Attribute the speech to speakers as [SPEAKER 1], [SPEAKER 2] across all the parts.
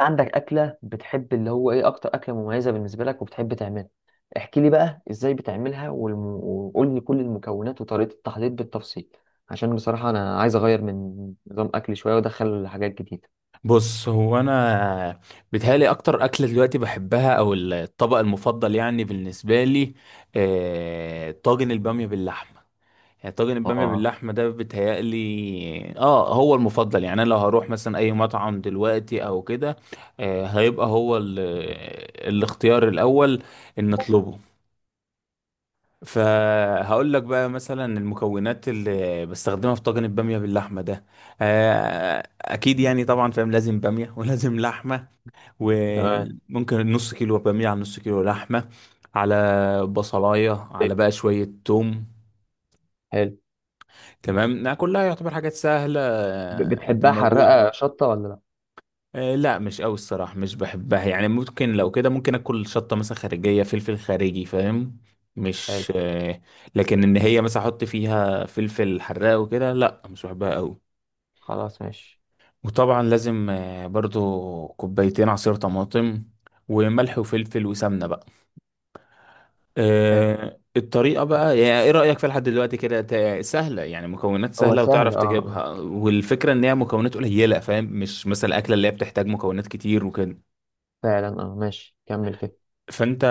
[SPEAKER 1] عندك أكلة بتحب اللي هو إيه أكتر أكلة مميزة بالنسبة لك وبتحب تعملها. احكي لي بقى إزاي بتعملها وقول لي كل المكونات وطريقة التحضير بالتفصيل. عشان بصراحة أنا عايز أغير من نظام أكلي شوية وأدخل حاجات جديدة.
[SPEAKER 2] بص، هو انا بيتهيألي اكتر اكله دلوقتي بحبها او الطبق المفضل يعني بالنسبه لي، طاجن الباميه باللحمه. يعني طاجن الباميه
[SPEAKER 1] اه.
[SPEAKER 2] باللحمه ده بيتهيألي هو المفضل. يعني انا لو هروح مثلا اي مطعم دلوقتي او كده، هيبقى هو الاختيار الاول ان نطلبه. فهقول لك بقى مثلا المكونات اللي بستخدمها في طاجن الباميه باللحمه ده. اكيد يعني طبعا فاهم، لازم باميه ولازم لحمه.
[SPEAKER 1] تمام.
[SPEAKER 2] وممكن نص كيلو بامية على نص كيلو لحمة، على بصلاية، على بقى شوية توم.
[SPEAKER 1] حلو.
[SPEAKER 2] تمام، إنها كلها يعتبر حاجات سهلة، قد
[SPEAKER 1] بتحبها
[SPEAKER 2] موجودة.
[SPEAKER 1] حرقة شطة ولا لأ؟
[SPEAKER 2] لا، مش قوي الصراحة، مش بحبها. يعني ممكن لو كده ممكن اكل شطة مثلا خارجية، فلفل خارجي، فاهم.
[SPEAKER 1] حلو.
[SPEAKER 2] مش لكن ان هي مثلا احط فيها فلفل حراق وكده، لا، مش بحبها قوي.
[SPEAKER 1] خلاص ماشي.
[SPEAKER 2] وطبعا لازم برضو كوبايتين عصير طماطم، وملح وفلفل وسمنة بقى.
[SPEAKER 1] حلو.
[SPEAKER 2] الطريقة بقى. يعني ايه رأيك فيها لحد دلوقتي كده؟ سهلة، يعني مكونات
[SPEAKER 1] هو
[SPEAKER 2] سهلة
[SPEAKER 1] سهل،
[SPEAKER 2] وتعرف
[SPEAKER 1] أه أه،
[SPEAKER 2] تجيبها، والفكرة ان هي مكونات قليلة فاهم، مش مثلا الأكلة اللي هي بتحتاج مكونات كتير وكده.
[SPEAKER 1] فعلا. أه ماشي كمل كده.
[SPEAKER 2] فانت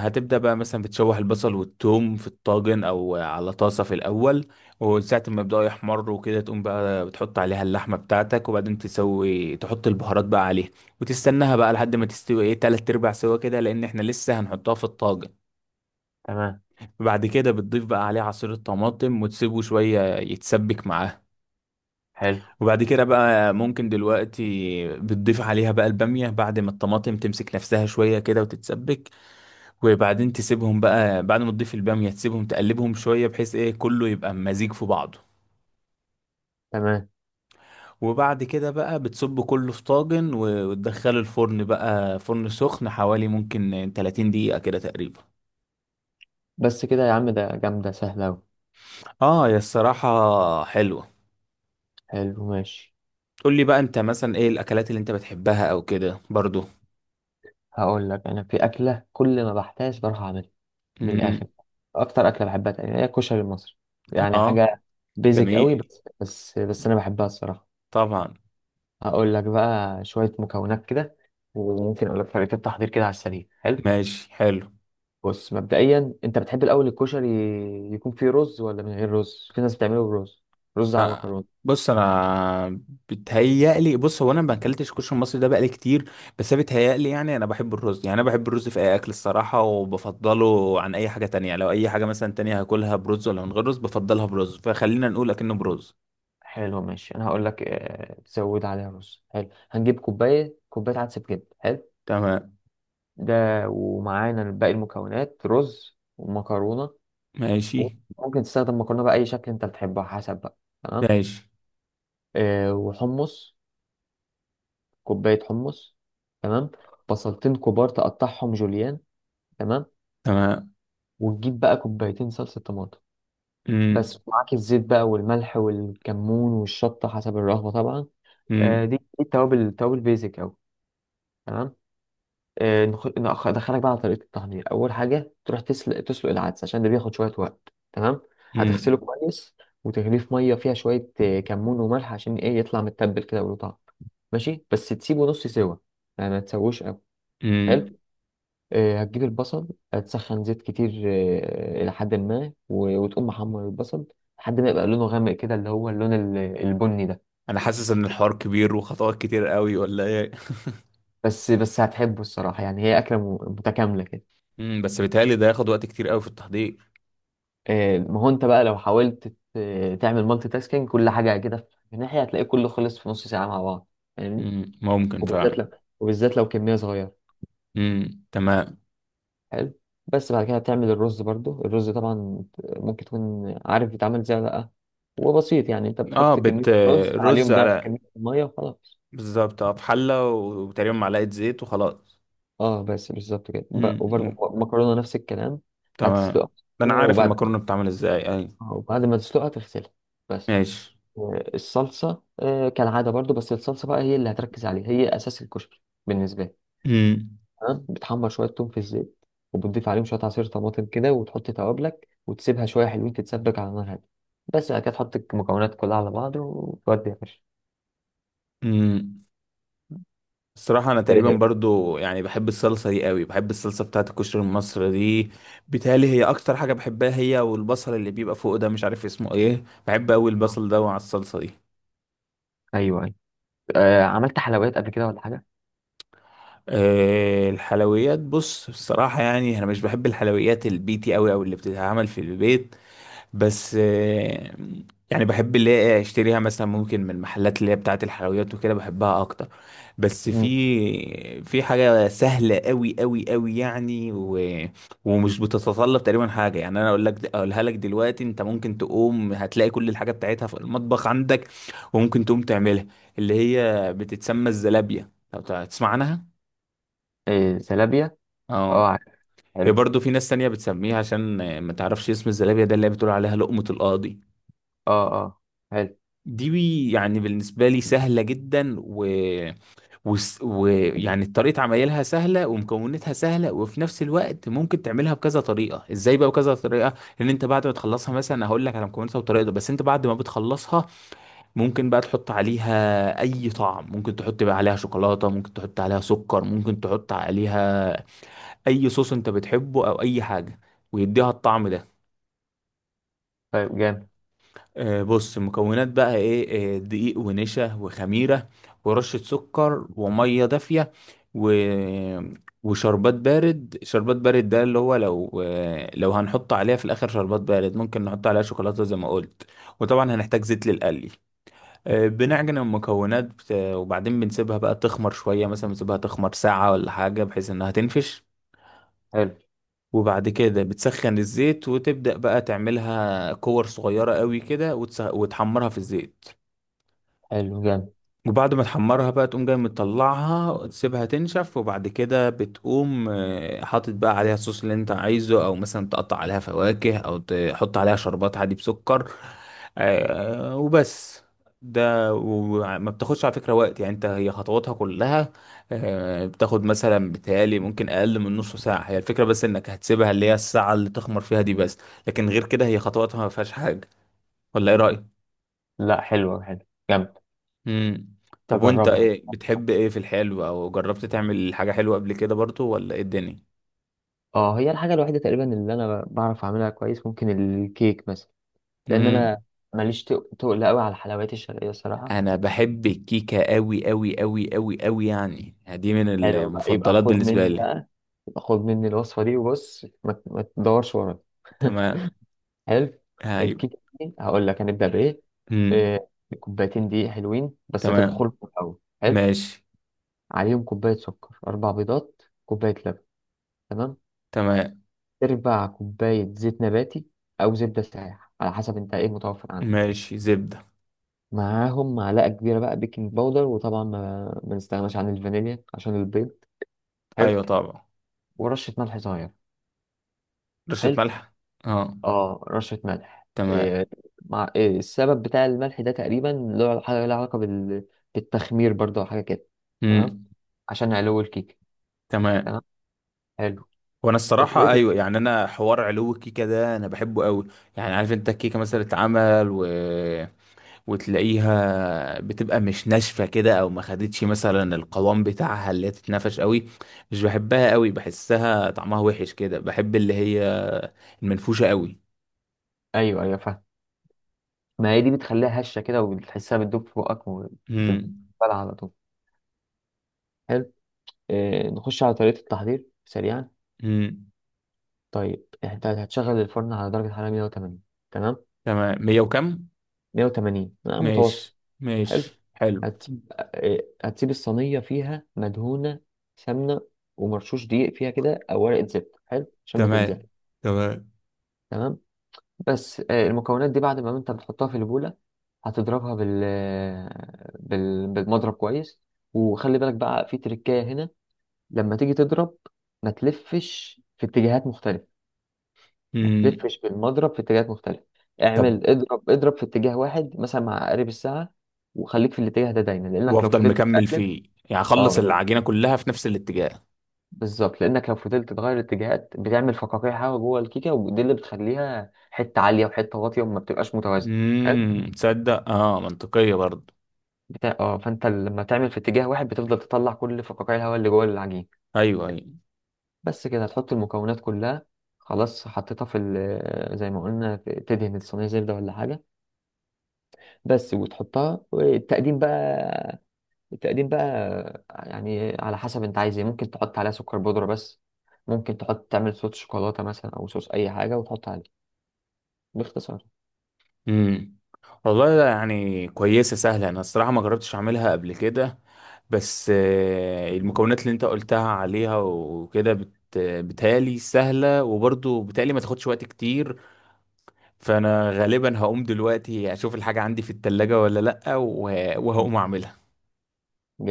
[SPEAKER 2] هتبدأ بقى مثلا بتشوح البصل والثوم في الطاجن او على طاسة في الأول. وساعة ما يبدأوا يحمروا وكده، تقوم بقى بتحط عليها اللحمة بتاعتك، وبعدين تسوي تحط البهارات بقى عليها. وتستناها بقى لحد ما تستوي ايه، تلات ارباع سوا كده، لأن احنا لسه هنحطها في الطاجن.
[SPEAKER 1] تمام.
[SPEAKER 2] وبعد كده بتضيف بقى عليه عصير الطماطم، وتسيبه شوية يتسبك معاه.
[SPEAKER 1] حلو.
[SPEAKER 2] وبعد كده بقى ممكن دلوقتي بتضيف عليها بقى البامية، بعد ما الطماطم تمسك نفسها شوية كده وتتسبك. وبعدين تسيبهم بقى، بعد ما تضيف البامية تسيبهم تقلبهم شوية، بحيث ايه كله يبقى مزيج في بعضه.
[SPEAKER 1] تمام.
[SPEAKER 2] وبعد كده بقى بتصب كله في طاجن، وتدخله الفرن بقى، فرن سخن حوالي ممكن 30 دقيقة كده تقريبا.
[SPEAKER 1] بس كده يا عم؟ ده جامدة سهلة أوي.
[SPEAKER 2] اه، يا الصراحة حلوة.
[SPEAKER 1] حلو ماشي.
[SPEAKER 2] قول لي بقى انت، مثلا ايه الاكلات اللي انت بتحبها او كده برضو؟
[SPEAKER 1] هقول لك، انا في اكله كل ما بحتاج بروح اعملها. من
[SPEAKER 2] مم.
[SPEAKER 1] الاخر، اكتر اكله بحبها تقريبا هي الكشري المصري. يعني
[SPEAKER 2] اه
[SPEAKER 1] حاجه بيزك قوي،
[SPEAKER 2] جميل.
[SPEAKER 1] بس انا بحبها الصراحه.
[SPEAKER 2] طبعا.
[SPEAKER 1] هقول لك بقى شويه مكونات كده، وممكن اقول لك طريقه التحضير كده على السريع. حلو.
[SPEAKER 2] ماشي حلو.
[SPEAKER 1] بص مبدئيا، انت بتحب الاول الكشري يكون فيه رز ولا من غير رز؟ في ناس بتعمله برز، رز على
[SPEAKER 2] ها.
[SPEAKER 1] مكرونه.
[SPEAKER 2] بص انا بص، هو انا ما اكلتش كشري المصري ده بقالي كتير. بس أنا بتهيألي يعني انا بحب الرز، يعني انا بحب الرز في اي اكل الصراحه، وبفضله عن اي حاجه تانية. يعني لو اي حاجه مثلا تانية هاكلها برز ولا من غير رز، بفضلها برز، فخلينا نقول اكنه برز.
[SPEAKER 1] حلو ماشي. انا هقول لك، تزود عليها رز. حلو، هنجيب كوبايه كوبايه عدس بجد. حلو.
[SPEAKER 2] تمام.
[SPEAKER 1] ده، ومعانا باقي المكونات، رز ومكرونة.
[SPEAKER 2] ماشي.
[SPEAKER 1] ممكن تستخدم مكرونة بأي شكل أنت بتحبها، حسب بقى. تمام.
[SPEAKER 2] ماشي.
[SPEAKER 1] آه، وحمص. كوباية حمص. تمام. بصلتين كبار تقطعهم جوليان. تمام.
[SPEAKER 2] تمام.
[SPEAKER 1] وتجيب بقى كوبايتين صلصة طماطم.
[SPEAKER 2] مم.
[SPEAKER 1] بس معاك الزيت بقى والملح والكمون والشطة حسب الرغبة طبعا. آه،
[SPEAKER 2] مم.
[SPEAKER 1] دي التوابل. التوابل بيزك أوي. تمام. ادخلك بقى على طريقه التحضير. اول حاجه تروح تسلق العدس عشان ده بياخد شويه وقت. تمام. هتغسله
[SPEAKER 2] مم.
[SPEAKER 1] كويس، وتغليه في ميه فيها شويه كمون وملح، عشان ايه؟ يطلع متبل كده وله طعم. ماشي، بس تسيبه نص سوا، يعني ما تسويش قوي.
[SPEAKER 2] مم.
[SPEAKER 1] حلو. هتجيب البصل. هتسخن زيت كتير الى حد ما، وتقوم محمر البصل لحد ما يبقى لونه غامق كده، اللي هو اللون البني ده.
[SPEAKER 2] انا حاسس ان الحوار كبير وخطوات كتير قوي، ولا ايه؟
[SPEAKER 1] بس هتحبه الصراحه، يعني هي اكله متكامله كده.
[SPEAKER 2] بس بيتهيألي ده ياخد وقت كتير قوي في التحضير.
[SPEAKER 1] ما هو انت بقى لو حاولت تعمل مالتي تاسكينج، كل حاجه كده في ناحيه، هتلاقي كله خلص في نص ساعه مع بعض. فاهمني؟
[SPEAKER 2] ممكن
[SPEAKER 1] وبالذات
[SPEAKER 2] فعلا.
[SPEAKER 1] لو، كميه صغيره.
[SPEAKER 2] امم، تمام.
[SPEAKER 1] حلو. بس بعد كده هتعمل الرز، برضو الرز طبعا. ممكن تكون عارف بيتعمل ازاي ولا لا؟ هو بسيط، يعني انت
[SPEAKER 2] اه،
[SPEAKER 1] بتحط كميه رز
[SPEAKER 2] الرز
[SPEAKER 1] عليهم ضعف
[SPEAKER 2] على
[SPEAKER 1] كميه الميه وخلاص.
[SPEAKER 2] بالظبط، اه، في حلة وتقريبا معلقة زيت وخلاص.
[SPEAKER 1] اه، بس بالظبط كده. وبرضو
[SPEAKER 2] امم،
[SPEAKER 1] مكرونه نفس الكلام.
[SPEAKER 2] تمام.
[SPEAKER 1] هتسلقها،
[SPEAKER 2] ده انا عارف
[SPEAKER 1] وبعد
[SPEAKER 2] المكرونة بتتعمل ازاي، اي.
[SPEAKER 1] وبعد ما تسلقها تغسلها، بس.
[SPEAKER 2] ماشي.
[SPEAKER 1] الصلصة كالعادة برضو. بس الصلصة بقى هي اللي هتركز عليها، هي أساس الكشري بالنسبة لي.
[SPEAKER 2] امم.
[SPEAKER 1] تمام، بتحمر شوية توم في الزيت، وبتضيف عليهم شوية عصير طماطم كده، وتحط توابلك وتسيبها شوية حلوين تتسبك على نار هادية. بس بعد كده تحط المكونات كلها على بعض وتودي يا باشا.
[SPEAKER 2] امم الصراحة أنا تقريبا
[SPEAKER 1] إيه.
[SPEAKER 2] برضو يعني بحب الصلصة دي قوي، بحب الصلصة بتاعت الكشري المصري دي. بيتهيألي هي أكتر حاجة بحبها، هي والبصل اللي بيبقى فوق ده، مش عارف اسمه ايه، بحب قوي
[SPEAKER 1] آه.
[SPEAKER 2] البصل ده مع الصلصة دي.
[SPEAKER 1] أيوه أيوه. آه، عملت حلويات قبل كده ولا حاجة؟
[SPEAKER 2] الحلويات بص، بصراحة يعني أنا مش بحب الحلويات البيتي أوي، أو اللي بتتعمل في البيت. بس، يعني بحب اللي هي أشتريها مثلا ممكن من المحلات اللي هي بتاعة الحلويات وكده، بحبها أكتر. بس
[SPEAKER 1] مم.
[SPEAKER 2] في حاجة سهلة أوي أوي أوي يعني، ومش بتتطلب تقريبا حاجة. يعني أنا أقولها لك دلوقتي، أنت ممكن تقوم هتلاقي كل الحاجة بتاعتها في المطبخ عندك، وممكن تقوم تعملها. اللي هي بتتسمى الزلابية، لو تسمع عنها.
[SPEAKER 1] آه زلابية. أه
[SPEAKER 2] اه،
[SPEAKER 1] عارف.
[SPEAKER 2] هي
[SPEAKER 1] حلو.
[SPEAKER 2] برضه في ناس تانية بتسميها، عشان ما تعرفش اسم الزلابية ده، اللي هي بتقول عليها لقمة القاضي.
[SPEAKER 1] أه أه. حلو.
[SPEAKER 2] دي يعني بالنسبة لي سهلة جدا، و... يعني طريقة عمايلها سهلة ومكوناتها سهلة، وفي نفس الوقت ممكن تعملها بكذا طريقة. ازاي بقى بكذا طريقة؟ ان انت بعد ما تخلصها مثلا، هقول لك على مكوناتها وطريقتها، بس انت بعد ما بتخلصها، ممكن بقى تحط عليها اي طعم، ممكن تحط بقى عليها شوكولاتة، ممكن تحط عليها سكر، ممكن تحط عليها اي صوص انت بتحبه او اي حاجه، ويديها الطعم ده.
[SPEAKER 1] طيب جامد.
[SPEAKER 2] بص المكونات بقى ايه. دقيق، ونشا، وخميره، ورشه سكر، وميه دافيه، و... وشربات بارد. شربات بارد ده اللي هو لو، لو هنحط عليها في الاخر شربات بارد، ممكن نحط عليها شوكولاته زي ما قلت. وطبعا هنحتاج زيت للقلي. بنعجن المكونات، وبعدين بنسيبها بقى تخمر شويه، مثلا بنسيبها تخمر ساعه ولا حاجه، بحيث انها تنفش.
[SPEAKER 1] حلو.
[SPEAKER 2] وبعد كده بتسخن الزيت وتبدأ بقى تعملها كور صغيرة قوي كده، وتحمرها في الزيت.
[SPEAKER 1] حلو. جامد.
[SPEAKER 2] وبعد ما تحمرها بقى، تقوم جاي مطلعها تسيبها تنشف، وبعد كده بتقوم حاطط بقى عليها الصوص اللي انت عايزه، او مثلا تقطع عليها فواكه، او تحط عليها شربات عادي بسكر. وبس. ده وما بتاخدش على فكرة وقت، يعني انت هي خطواتها كلها بتاخد مثلا بتهيألي ممكن اقل من نص ساعة هي الفكرة، بس انك هتسيبها اللي هي الساعة اللي تخمر فيها دي بس. لكن غير كده هي خطواتها ما فيهاش حاجة. ولا ايه رأيك؟
[SPEAKER 1] لا حلوة. حلو. جامد.
[SPEAKER 2] امم طب، وانت
[SPEAKER 1] أجربها.
[SPEAKER 2] ايه بتحب ايه في الحلو، او جربت تعمل حاجة حلوة قبل كده برضو، ولا ايه الدنيا؟
[SPEAKER 1] اه، هي الحاجة الوحيدة تقريبا اللي انا بعرف اعملها كويس، ممكن الكيك مثلا. لان
[SPEAKER 2] امم
[SPEAKER 1] انا ماليش تقل قوي على الحلويات الشرقية الصراحة.
[SPEAKER 2] انا بحب الكيكة قوي قوي قوي قوي قوي، يعني دي من
[SPEAKER 1] حلو بقى، يبقى
[SPEAKER 2] المفضلات
[SPEAKER 1] خد
[SPEAKER 2] بالنسبة
[SPEAKER 1] مني
[SPEAKER 2] لي.
[SPEAKER 1] بقى. يبقى خد مني الوصفة دي، وبص ما تدورش ورايا.
[SPEAKER 2] تمام.
[SPEAKER 1] حلو.
[SPEAKER 2] ايوه.
[SPEAKER 1] الكيك دي، هقول لك هنبدأ بايه.
[SPEAKER 2] امم،
[SPEAKER 1] آه، كوبايتين دقيق حلوين، بس
[SPEAKER 2] تمام.
[SPEAKER 1] تنخل في الاول. حلو.
[SPEAKER 2] ماشي.
[SPEAKER 1] عليهم كوباية سكر، اربع بيضات، كوباية لبن. تمام.
[SPEAKER 2] تمام.
[SPEAKER 1] تربع كوباية زيت نباتي او زبدة سايحة، على حسب انت ايه متوفر عندك.
[SPEAKER 2] ماشي، زبدة.
[SPEAKER 1] معاهم معلقة كبيرة بقى بيكنج باودر. وطبعا ما نستغناش عن الفانيليا عشان البيض. حلو.
[SPEAKER 2] ايوه طبعا.
[SPEAKER 1] ورشة ملح صغير.
[SPEAKER 2] رشة
[SPEAKER 1] حلو.
[SPEAKER 2] ملح. اه.
[SPEAKER 1] اه، رشة ملح.
[SPEAKER 2] تمام.
[SPEAKER 1] إيه؟ مع إيه السبب بتاع الملح ده؟ تقريبا له حاجة لها علاقة بالتخمير برضه، أو حاجة كده. تمام،
[SPEAKER 2] امم،
[SPEAKER 1] عشان علو الكيك. تمام.
[SPEAKER 2] تمام.
[SPEAKER 1] حلو.
[SPEAKER 2] وانا الصراحة
[SPEAKER 1] اتوقف-
[SPEAKER 2] ايوه، يعني انا حوار علو الكيكة ده انا بحبه قوي. يعني عارف انت الكيكة مثلا اتعمل وتلاقيها بتبقى مش ناشفة كده، او ما خدتش مثلا القوام بتاعها اللي هي تتنفش قوي. مش بحبها قوي، بحسها طعمها وحش كده، بحب اللي هي المنفوشة قوي.
[SPEAKER 1] ايوه ايوه فاهم. ما هي دي بتخليها هشة كده، وبتحسها بتدوب في بقك وبتبلع
[SPEAKER 2] امم.
[SPEAKER 1] على طول. حلو. إيه، نخش على طريقة التحضير سريعا؟
[SPEAKER 2] امم،
[SPEAKER 1] طيب انت هتشغل الفرن على درجة حرارة 180. تمام.
[SPEAKER 2] تمام. مية وكم؟
[SPEAKER 1] 180
[SPEAKER 2] ماشي.
[SPEAKER 1] متوسط. حلو.
[SPEAKER 2] ماشي حلو.
[SPEAKER 1] هتسيب الصينية فيها مدهونة سمنة، ومرشوش دقيق فيها كده، أو ورقة زبدة. حلو عشان ما
[SPEAKER 2] تمام.
[SPEAKER 1] تلزق.
[SPEAKER 2] تمام.
[SPEAKER 1] تمام. بس المكونات دي بعد ما أنت بتحطها في البولة، هتضربها بالمضرب كويس. وخلي بالك بقى في تركاية هنا. لما تيجي تضرب، ما تلفش في اتجاهات مختلفة،
[SPEAKER 2] امم
[SPEAKER 1] تلفش بالمضرب في اتجاهات مختلفة.
[SPEAKER 2] طب،
[SPEAKER 1] اعمل اضرب اضرب في اتجاه واحد، مثلا مع عقارب الساعة. وخليك في الاتجاه ده دايما، لأنك لو
[SPEAKER 2] وافضل
[SPEAKER 1] فضلت
[SPEAKER 2] مكمل
[SPEAKER 1] تقلب،
[SPEAKER 2] فيه، يعني
[SPEAKER 1] اه
[SPEAKER 2] اخلص
[SPEAKER 1] لو
[SPEAKER 2] العجينة كلها في نفس الاتجاه.
[SPEAKER 1] بالظبط، لأنك لو فضلت تغير اتجاهات بتعمل فقاقيع هوا جوه الكيكة، ودي اللي بتخليها حتة عالية وحتة واطية وما بتبقاش متوازنة. حلو؟
[SPEAKER 2] تصدق؟ اه، منطقية برضه.
[SPEAKER 1] بتاع اه، فانت لما تعمل في اتجاه واحد بتفضل تطلع كل فقاقيع الهواء اللي جوه العجين.
[SPEAKER 2] ايوه، ايوه.
[SPEAKER 1] بس كده هتحط المكونات كلها. خلاص حطيتها في زي ما قلنا. تدهن الصينية زبدة ولا حاجة بس، وتحطها. والتقديم بقى، التقديم بقى يعني على حسب انت عايز ايه. ممكن تحط عليها سكر بودرة بس. ممكن تحط، تعمل صوص شوكولاتة مثلا، او صوص اي حاجة وتحط عليه. باختصار.
[SPEAKER 2] امم. والله لا، يعني كويسة سهلة، أنا الصراحة ما جربتش أعملها قبل كده. بس المكونات اللي أنت قلتها عليها وكده بتهيألي سهلة، وبرضه بتهيألي ما تاخدش وقت كتير. فأنا غالبا هقوم دلوقتي أشوف الحاجة عندي في التلاجة ولا لأ، وهقوم أعملها.
[SPEAKER 1] مم.